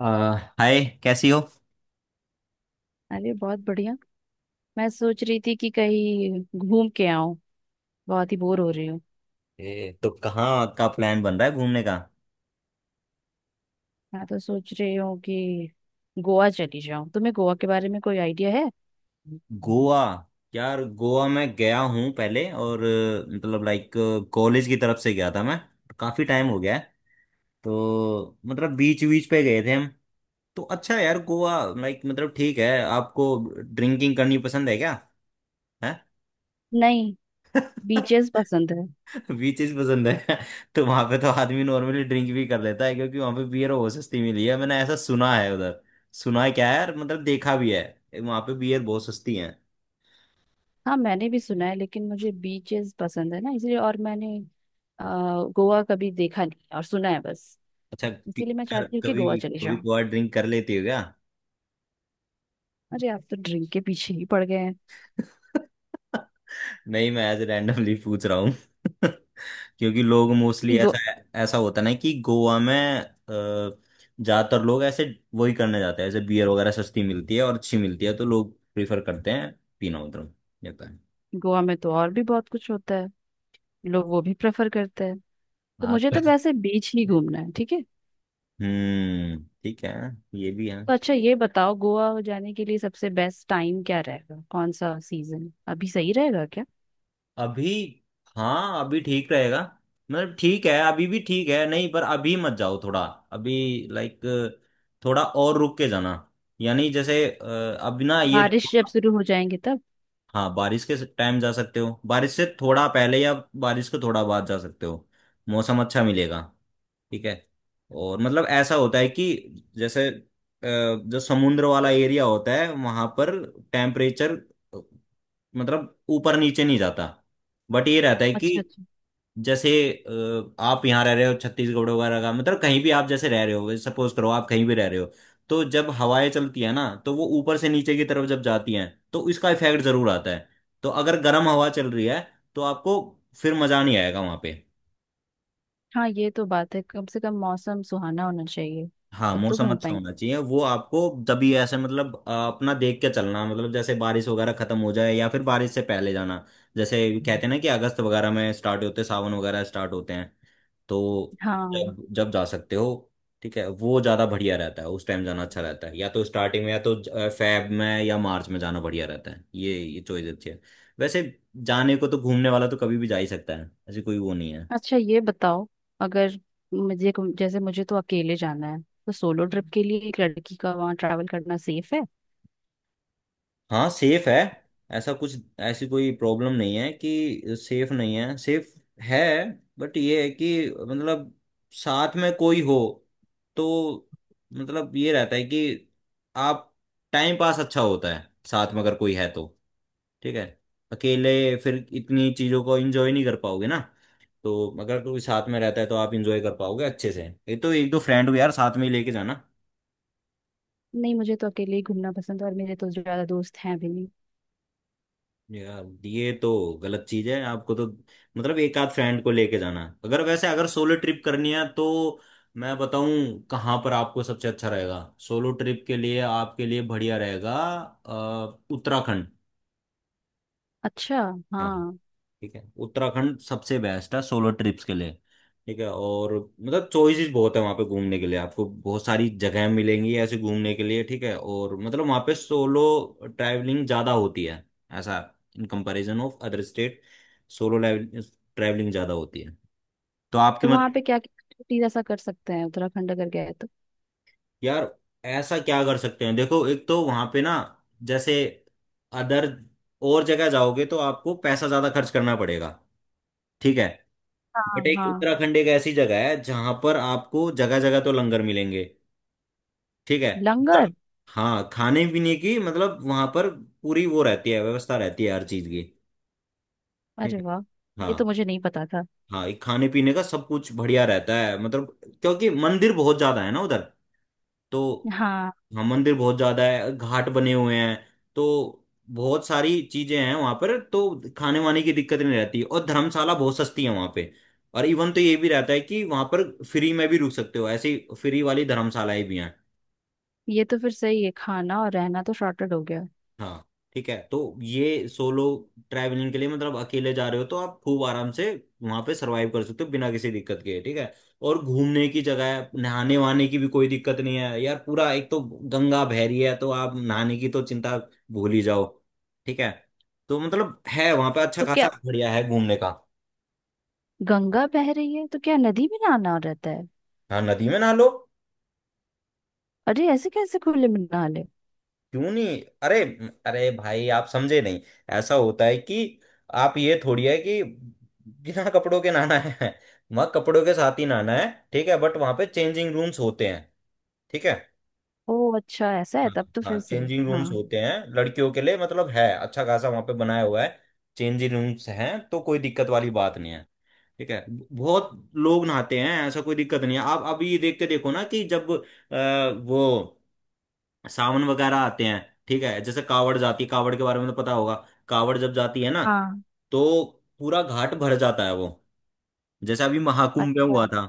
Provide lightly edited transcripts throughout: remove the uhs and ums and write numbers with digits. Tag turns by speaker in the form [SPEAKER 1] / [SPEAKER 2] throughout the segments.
[SPEAKER 1] अ, hi कैसी हो।
[SPEAKER 2] अरे बहुत बढ़िया। मैं सोच रही थी कि कहीं घूम के आऊं। बहुत ही बोर हो रही हूँ।
[SPEAKER 1] तो कहाँ का प्लान बन रहा है घूमने का?
[SPEAKER 2] मैं तो सोच रही हूँ कि गोवा चली जाऊं। तुम्हें गोवा के बारे में कोई आइडिया है?
[SPEAKER 1] गोवा। यार, गोवा मैं गया हूँ पहले, और मतलब लाइक कॉलेज की तरफ से गया था मैं। काफी टाइम हो गया है। तो मतलब बीच बीच पे गए थे हम। तो अच्छा है यार, गोवा लाइक मतलब ठीक है। आपको ड्रिंकिंग करनी पसंद है क्या? है।
[SPEAKER 2] नहीं, बीचेस पसंद है।
[SPEAKER 1] बीचेस पसंद है। तो वहां पे तो आदमी नॉर्मली ड्रिंक भी कर लेता है, क्योंकि वहां पे बियर बहुत सस्ती मिली है। मैंने ऐसा सुना है उधर। सुना है क्या है, और मतलब देखा भी है। वहां पे बियर बहुत सस्ती है।
[SPEAKER 2] हाँ मैंने भी सुना है, लेकिन मुझे बीचेस पसंद है ना इसलिए। और मैंने अ, गोवा कभी देखा नहीं है और सुना है बस।
[SPEAKER 1] अच्छा। पी-
[SPEAKER 2] इसीलिए मैं चाहती हूँ कि गोवा
[SPEAKER 1] कभी
[SPEAKER 2] चली
[SPEAKER 1] कभी
[SPEAKER 2] जाऊं।
[SPEAKER 1] कभार ड्रिंक कर लेती हो क्या?
[SPEAKER 2] अरे आप तो ड्रिंक के पीछे ही पड़ गए हैं।
[SPEAKER 1] नहीं, मैं ऐसे रैंडमली पूछ रहा हूँ। क्योंकि लोग मोस्टली
[SPEAKER 2] गो,
[SPEAKER 1] ऐसा, ऐसा होता ना कि गोवा में ज्यादातर लोग ऐसे वही करने जाते हैं, ऐसे बियर वगैरह सस्ती मिलती है और अच्छी मिलती है तो लोग प्रीफर करते हैं पीना उधर जाता है।
[SPEAKER 2] गोवा में तो और भी बहुत कुछ होता है। लोग वो भी प्रेफर करते हैं। तो
[SPEAKER 1] हाँ
[SPEAKER 2] मुझे
[SPEAKER 1] तो।
[SPEAKER 2] तो वैसे बीच ही घूमना है, ठीक है?
[SPEAKER 1] हम्म, ठीक है। ये भी है।
[SPEAKER 2] तो अच्छा ये बताओ, गोवा जाने के लिए सबसे बेस्ट टाइम क्या रहेगा? कौन सा सीजन अभी सही रहेगा क्या?
[SPEAKER 1] अभी। हाँ, अभी ठीक रहेगा। मतलब ठीक है, अभी भी ठीक है, नहीं पर अभी मत जाओ थोड़ा। अभी लाइक थोड़ा और रुक के जाना, यानी जैसे अब ना ये
[SPEAKER 2] बारिश
[SPEAKER 1] देखो।
[SPEAKER 2] जब शुरू हो जाएंगे तब?
[SPEAKER 1] हाँ, बारिश के टाइम जा सकते हो, बारिश से थोड़ा पहले या बारिश के थोड़ा बाद जा सकते हो। मौसम अच्छा मिलेगा। ठीक है। और मतलब ऐसा होता है कि जैसे जो समुद्र वाला एरिया होता है वहां पर टेम्परेचर मतलब ऊपर नीचे नहीं जाता। बट ये रहता है कि
[SPEAKER 2] अच्छा अच्छा।
[SPEAKER 1] जैसे आप यहाँ रह रहे हो छत्तीसगढ़ वगैरह का मतलब कहीं भी, आप जैसे रह रहे हो, सपोज करो आप कहीं भी रह रहे हो, तो जब हवाएं चलती है ना तो वो ऊपर से नीचे की तरफ जब जाती हैं, तो इसका इफेक्ट जरूर आता है। तो अगर गर्म हवा चल रही है तो आपको फिर मजा नहीं आएगा वहां पे।
[SPEAKER 2] हाँ ये तो बात है, कम से कम मौसम सुहाना होना चाहिए।
[SPEAKER 1] हाँ,
[SPEAKER 2] तब तो
[SPEAKER 1] मौसम
[SPEAKER 2] घूम
[SPEAKER 1] अच्छा
[SPEAKER 2] पाएंगे।
[SPEAKER 1] होना चाहिए वो आपको। तभी ऐसे मतलब अपना देख के चलना, मतलब जैसे बारिश वगैरह खत्म हो जाए या फिर बारिश से पहले जाना। जैसे कहते हैं ना कि अगस्त वगैरह में स्टार्ट होते हैं, सावन वगैरह स्टार्ट होते हैं, तो
[SPEAKER 2] हाँ,
[SPEAKER 1] जब जब जा सकते हो। ठीक है, वो ज़्यादा बढ़िया रहता है, उस टाइम जाना अच्छा रहता है, या तो स्टार्टिंग में या तो फेब में या मार्च में जाना बढ़िया रहता है। ये चॉइस अच्छी है वैसे, जाने को तो घूमने वाला तो कभी भी जा ही सकता है, ऐसी कोई वो नहीं।
[SPEAKER 2] अच्छा ये बताओ, अगर मुझे, जैसे मुझे तो अकेले जाना है, तो सोलो ट्रिप के लिए एक लड़की का वहाँ ट्रैवल करना सेफ है?
[SPEAKER 1] हाँ, सेफ है, ऐसा कुछ ऐसी कोई प्रॉब्लम नहीं है कि सेफ नहीं है, सेफ है। बट ये है कि मतलब साथ में कोई हो तो मतलब ये रहता है कि आप टाइम पास अच्छा होता है साथ में अगर कोई है तो। ठीक है, अकेले फिर इतनी चीजों को एंजॉय नहीं कर पाओगे ना, तो अगर कोई साथ में रहता है तो आप एंजॉय कर पाओगे अच्छे से। ये तो एक दो फ्रेंड को यार साथ में ही लेके जाना।
[SPEAKER 2] नहीं, मुझे तो अकेले ही घूमना पसंद है और मेरे तो ज्यादा दोस्त हैं भी नहीं।
[SPEAKER 1] यार, ये तो गलत चीज है। आपको तो मतलब एक आध फ्रेंड को लेके जाना है। अगर वैसे अगर सोलो ट्रिप करनी है तो मैं बताऊं कहाँ पर आपको सबसे अच्छा रहेगा, सोलो ट्रिप के लिए आपके लिए बढ़िया रहेगा उत्तराखंड।
[SPEAKER 2] अच्छा,
[SPEAKER 1] हाँ।
[SPEAKER 2] हाँ।
[SPEAKER 1] ठीक है, उत्तराखंड सबसे बेस्ट है सोलो ट्रिप्स के लिए। ठीक है, और मतलब चॉइसेस बहुत है वहाँ पे घूमने के लिए, आपको बहुत सारी जगह मिलेंगी ऐसे घूमने के लिए। ठीक है, और मतलब वहाँ पे सोलो ट्रैवलिंग ज़्यादा होती है, ऐसा in comparison of other state solo travelling ज़्यादा होती है, तो आपकी
[SPEAKER 2] तो वहाँ पे
[SPEAKER 1] मतलब।
[SPEAKER 2] क्या क्या ऐसा कर सकते हैं, उत्तराखंड अगर गए?
[SPEAKER 1] यार, ऐसा क्या कर सकते हैं, देखो एक तो वहां पे ना, जैसे अदर और जगह जाओगे तो आपको पैसा ज्यादा खर्च करना पड़ेगा। ठीक है,
[SPEAKER 2] हाँ
[SPEAKER 1] बट एक
[SPEAKER 2] हाँ।
[SPEAKER 1] उत्तराखंड एक ऐसी जगह है जहां पर आपको जगह जगह तो लंगर मिलेंगे। ठीक है। उत्तर,
[SPEAKER 2] लंगर?
[SPEAKER 1] हाँ खाने पीने की मतलब वहां पर पूरी वो रहती है, व्यवस्था रहती है हर चीज की। ठीक
[SPEAKER 2] अरे
[SPEAKER 1] है।
[SPEAKER 2] वाह,
[SPEAKER 1] हाँ।
[SPEAKER 2] ये तो मुझे नहीं पता था।
[SPEAKER 1] हाँ, ये खाने पीने का सब कुछ बढ़िया रहता है, मतलब क्योंकि मंदिर बहुत ज्यादा है ना उधर, तो।
[SPEAKER 2] हाँ।
[SPEAKER 1] हाँ, मंदिर बहुत ज्यादा है, घाट बने हुए हैं, तो बहुत सारी चीजें हैं वहां पर, तो खाने वाने की दिक्कत नहीं रहती, और धर्मशाला बहुत सस्ती है वहां पे, और इवन तो ये भी रहता है कि वहां पर फ्री में भी रुक सकते हो, ऐसी फ्री वाली धर्मशालाएं भी हैं।
[SPEAKER 2] ये तो फिर सही है, खाना और रहना तो शॉर्टेड हो गया।
[SPEAKER 1] हाँ। ठीक है, तो ये सोलो ट्रैवलिंग के लिए मतलब अकेले जा रहे हो तो आप खूब आराम से वहां पे सरवाइव कर सकते हो बिना किसी दिक्कत के। ठीक है, और घूमने की जगह है, नहाने वहाने की भी कोई दिक्कत नहीं है यार, पूरा एक तो गंगा बह रही है, तो आप नहाने की तो चिंता भूल ही जाओ। ठीक है, तो मतलब है वहां पे अच्छा
[SPEAKER 2] तो
[SPEAKER 1] खासा,
[SPEAKER 2] क्या
[SPEAKER 1] बढ़िया है घूमने का।
[SPEAKER 2] गंगा बह रही है तो क्या नदी में नहाना रहता है?
[SPEAKER 1] हाँ, नदी में नहा लो,
[SPEAKER 2] अरे ऐसे कैसे खुले में नहा ले?
[SPEAKER 1] क्यों नहीं? अरे, अरे भाई आप समझे नहीं, ऐसा होता है कि आप ये थोड़ी है कि बिना कपड़ों के नहाना है, मग कपड़ों के साथ ही नहाना है। ठीक है, बट वहां पे चेंजिंग रूम्स होते हैं। ठीक है।
[SPEAKER 2] ओ अच्छा, ऐसा है,
[SPEAKER 1] हाँ,
[SPEAKER 2] तब तो
[SPEAKER 1] हाँ,
[SPEAKER 2] फिर सही।
[SPEAKER 1] चेंजिंग
[SPEAKER 2] हाँ।
[SPEAKER 1] रूम्स होते हैं लड़कियों के लिए, मतलब है अच्छा खासा वहां पे बनाया हुआ है। चेंजिंग रूम्स हैं तो कोई दिक्कत वाली बात नहीं है। ठीक है, बहुत लोग नहाते हैं, ऐसा कोई दिक्कत नहीं है। आप अभी देख के देखो ना कि जब अ, वो सावन वगैरह आते हैं। ठीक है, जैसे कावड़ जाती है, कावड़ के बारे में तो पता होगा, कावड़ जब जाती है ना
[SPEAKER 2] हाँ।
[SPEAKER 1] तो पूरा घाट भर जाता है, वो जैसे अभी महाकुंभ में
[SPEAKER 2] अच्छा।
[SPEAKER 1] हुआ था।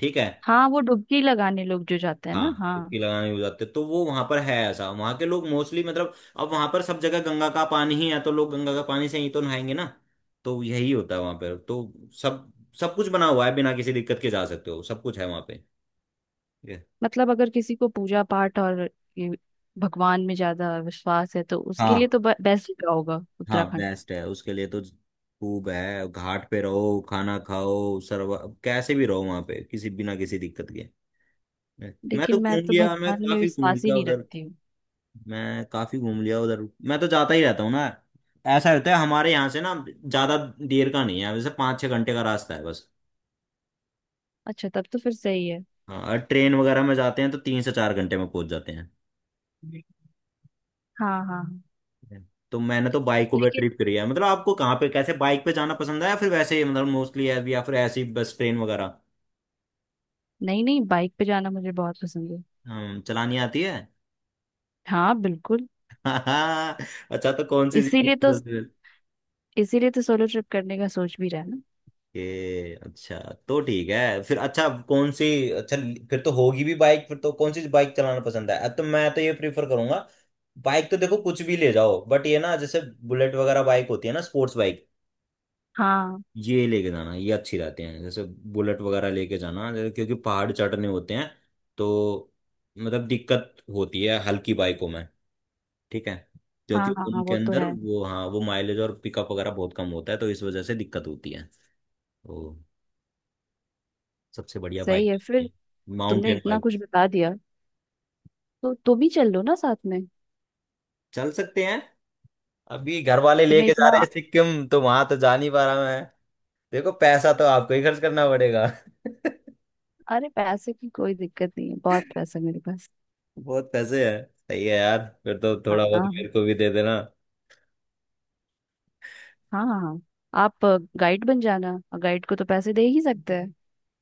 [SPEAKER 1] ठीक है।
[SPEAKER 2] हाँ वो डुबकी लगाने लोग जो जाते हैं ना,
[SPEAKER 1] हाँ,
[SPEAKER 2] हाँ।
[SPEAKER 1] डुबकी लगाने हो जाते तो वो वहां पर है ऐसा, वहां के लोग मोस्टली मतलब अब वहां पर सब जगह गंगा का पानी ही है तो लोग गंगा का पानी से ही तो नहाएंगे ना, तो यही होता है वहां पर। तो सब सब कुछ बना हुआ है, बिना किसी दिक्कत के जा सकते हो, सब कुछ है वहां पे ये।
[SPEAKER 2] मतलब अगर किसी को पूजा पाठ और ये भगवान में ज्यादा विश्वास है तो उसके लिए
[SPEAKER 1] हाँ,
[SPEAKER 2] तो बेस्ट होगा
[SPEAKER 1] हाँ
[SPEAKER 2] उत्तराखंड।
[SPEAKER 1] बेस्ट है उसके लिए तो। खूब है, घाट पे रहो, खाना खाओ, सर्व कैसे भी रहो वहां पे किसी बिना किसी दिक्कत के। मैं मैं तो
[SPEAKER 2] लेकिन मैं
[SPEAKER 1] घूम
[SPEAKER 2] तो
[SPEAKER 1] लिया, मैं
[SPEAKER 2] भगवान में
[SPEAKER 1] काफी घूम
[SPEAKER 2] विश्वास ही
[SPEAKER 1] लिया
[SPEAKER 2] नहीं
[SPEAKER 1] उधर,
[SPEAKER 2] रखती हूँ।
[SPEAKER 1] मैं काफी घूम लिया उधर, मैं तो जाता ही रहता हूँ ना, ऐसा होता है। हमारे यहाँ से ना ज्यादा देर का नहीं है वैसे, 5-6 घंटे का रास्ता है बस।
[SPEAKER 2] अच्छा तब तो फिर सही है।
[SPEAKER 1] हाँ, और ट्रेन वगैरह में जाते हैं तो 3 से 4 घंटे में पहुंच जाते हैं।
[SPEAKER 2] हाँ हाँ।
[SPEAKER 1] तो मैंने तो बाइकों पे
[SPEAKER 2] लेकिन
[SPEAKER 1] ट्रिप करी है, मतलब आपको कहाँ पे कैसे बाइक पे जाना पसंद है या फिर वैसे ही मतलब मोस्टली है, या फिर ऐसी बस ट्रेन वगैरह।
[SPEAKER 2] नहीं नहीं, बाइक पे जाना मुझे बहुत पसंद है।
[SPEAKER 1] हम्म, चलानी आती है?
[SPEAKER 2] हाँ बिल्कुल।
[SPEAKER 1] अच्छा, तो कौन सी जिंदगी
[SPEAKER 2] इसीलिए
[SPEAKER 1] की
[SPEAKER 2] तो,
[SPEAKER 1] सबसे,
[SPEAKER 2] इसीलिए तो सोलो ट्रिप करने का सोच भी रहा है ना।
[SPEAKER 1] ये अच्छा, तो ठीक है फिर, अच्छा कौन सी, अच्छा फिर तो होगी भी बाइक, फिर तो कौन सी बाइक चलाना पसंद है? तो मैं तो ये प्रीफर करूंगा, बाइक तो देखो कुछ भी ले जाओ, बट ये ना जैसे बुलेट वगैरह बाइक होती है ना, स्पोर्ट्स बाइक,
[SPEAKER 2] हाँ
[SPEAKER 1] ये लेके जाना, ये अच्छी रहते हैं, जैसे बुलेट वगैरह लेके जाना, जैसे क्योंकि पहाड़ चढ़ने होते हैं तो मतलब दिक्कत होती है हल्की बाइकों में। ठीक है, क्योंकि
[SPEAKER 2] हाँ। हाँ हाँ,
[SPEAKER 1] उनके
[SPEAKER 2] वो तो
[SPEAKER 1] अंदर
[SPEAKER 2] है।
[SPEAKER 1] वो, हाँ वो माइलेज और पिकअप वगैरह बहुत कम होता है तो इस वजह से दिक्कत होती है। तो सबसे बढ़िया
[SPEAKER 2] सही
[SPEAKER 1] बाइक
[SPEAKER 2] है फिर।
[SPEAKER 1] ये
[SPEAKER 2] तुमने
[SPEAKER 1] माउंटेन
[SPEAKER 2] इतना
[SPEAKER 1] बाइक।
[SPEAKER 2] कुछ बता दिया, तो तुम ही चल लो ना साथ में।
[SPEAKER 1] चल सकते हैं, अभी घर वाले
[SPEAKER 2] तुम्हें
[SPEAKER 1] लेके जा रहे
[SPEAKER 2] इतना।
[SPEAKER 1] हैं सिक्किम तो वहां तो जा नहीं पा रहा मैं। देखो पैसा तो आपको ही खर्च करना पड़ेगा।
[SPEAKER 2] अरे पैसे की कोई दिक्कत नहीं है, बहुत पैसा है मेरे पास।
[SPEAKER 1] बहुत पैसे हैं, सही है यार, फिर तो
[SPEAKER 2] हाँ
[SPEAKER 1] थोड़ा बहुत
[SPEAKER 2] हाँ।
[SPEAKER 1] मेरे को भी दे देना।
[SPEAKER 2] हाँ हाँ। आप गाइड बन जाना, और गाइड को तो पैसे दे ही सकते हैं।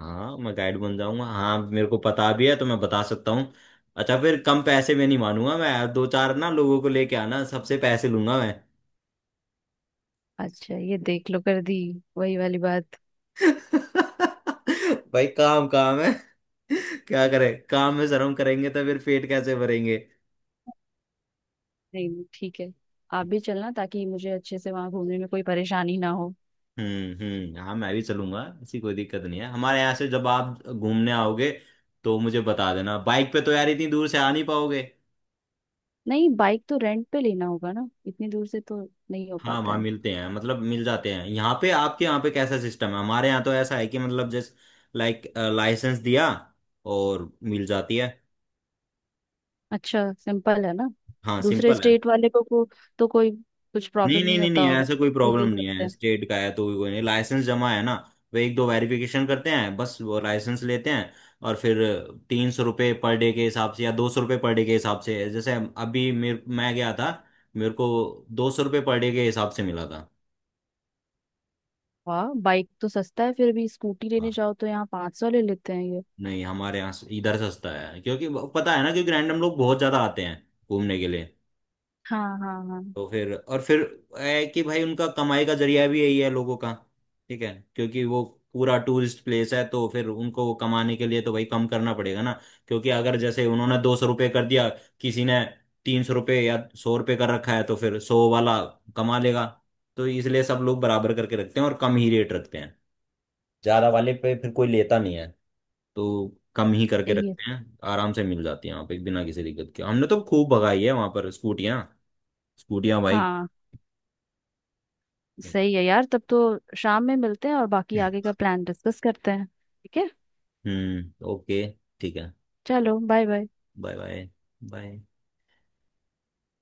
[SPEAKER 1] हाँ, मैं गाइड बन जाऊंगा, हाँ मेरे को पता भी है तो मैं बता सकता हूँ। अच्छा, फिर कम पैसे में नहीं मानूंगा मैं, दो चार ना लोगों को लेके आना, सबसे पैसे लूंगा मैं।
[SPEAKER 2] अच्छा ये देख लो, कर दी वही वाली बात।
[SPEAKER 1] भाई काम काम है, क्या करें, काम में शर्म करेंगे तो फिर पेट कैसे भरेंगे।
[SPEAKER 2] नहीं नहीं, ठीक है, आप भी चलना ताकि मुझे अच्छे से वहां घूमने में कोई परेशानी ना हो।
[SPEAKER 1] हम्म, हम्म, हाँ मैं भी चलूंगा, ऐसी कोई दिक्कत नहीं है। हमारे यहाँ से जब आप घूमने आओगे तो मुझे बता देना। बाइक पे तो यार इतनी दूर से आ नहीं पाओगे।
[SPEAKER 2] नहीं, बाइक तो रेंट पे लेना होगा ना, इतनी दूर से तो नहीं हो
[SPEAKER 1] हाँ
[SPEAKER 2] पाता
[SPEAKER 1] वहाँ
[SPEAKER 2] है।
[SPEAKER 1] मिलते हैं, मतलब मिल जाते हैं। यहाँ पे आपके यहाँ पे कैसा सिस्टम है? हमारे यहाँ तो ऐसा है कि मतलब जैसे लाइक लाइसेंस दिया और मिल जाती है।
[SPEAKER 2] अच्छा सिंपल है ना।
[SPEAKER 1] हाँ
[SPEAKER 2] दूसरे
[SPEAKER 1] सिंपल है।
[SPEAKER 2] स्टेट वाले को, तो कोई कुछ
[SPEAKER 1] नहीं
[SPEAKER 2] प्रॉब्लम
[SPEAKER 1] नहीं
[SPEAKER 2] नहीं
[SPEAKER 1] नहीं
[SPEAKER 2] होता
[SPEAKER 1] नहीं,
[SPEAKER 2] होगा?
[SPEAKER 1] ऐसा कोई
[SPEAKER 2] भी
[SPEAKER 1] प्रॉब्लम
[SPEAKER 2] ले
[SPEAKER 1] नहीं
[SPEAKER 2] सकते
[SPEAKER 1] है,
[SPEAKER 2] हैं?
[SPEAKER 1] स्टेट का है तो भी कोई नहीं, लाइसेंस जमा है ना, वो एक दो वेरिफिकेशन करते हैं बस, वो लाइसेंस लेते हैं और फिर 300 रुपये पर डे के हिसाब से या 200 रुपये पर डे के हिसाब से, जैसे अभी मेरे मैं गया था, मेरे को 200 रुपये पर डे के हिसाब से मिला था।
[SPEAKER 2] वाह बाइक तो सस्ता है, फिर भी स्कूटी लेने
[SPEAKER 1] हाँ।
[SPEAKER 2] जाओ तो यहाँ 500 ले लेते हैं ये।
[SPEAKER 1] नहीं, हमारे इधर सस्ता है, क्योंकि पता है ना, क्योंकि रैंडम लोग बहुत ज्यादा आते हैं घूमने के लिए।
[SPEAKER 2] हाँ हाँ हाँ।
[SPEAKER 1] तो फिर, और फिर है कि भाई उनका कमाई का जरिया भी यही है लोगों का। ठीक है, क्योंकि वो पूरा टूरिस्ट प्लेस है, तो फिर उनको कमाने के लिए तो भाई कम करना पड़ेगा ना। क्योंकि अगर जैसे उन्होंने 200 रुपये कर दिया, किसी ने 300 रुपये, या 100 रुपये कर रखा है तो फिर सौ वाला कमा लेगा। तो इसलिए सब लोग बराबर करके रखते हैं और कम ही रेट रखते हैं, ज्यादा वाले पे फिर कोई लेता नहीं है, तो कम ही करके
[SPEAKER 2] यही है।
[SPEAKER 1] रखते हैं, आराम से मिल जाती है वहाँ पे बिना किसी दिक्कत के। हमने तो खूब भगाई है वहां पर स्कूटियाँ, स्कूटियाँ भाई।
[SPEAKER 2] हाँ सही है यार, तब तो शाम में मिलते हैं और बाकी आगे का प्लान डिस्कस करते हैं, ठीक है?
[SPEAKER 1] हम्म, ओके, ठीक है।
[SPEAKER 2] चलो bye bye.
[SPEAKER 1] Bye bye. Bye.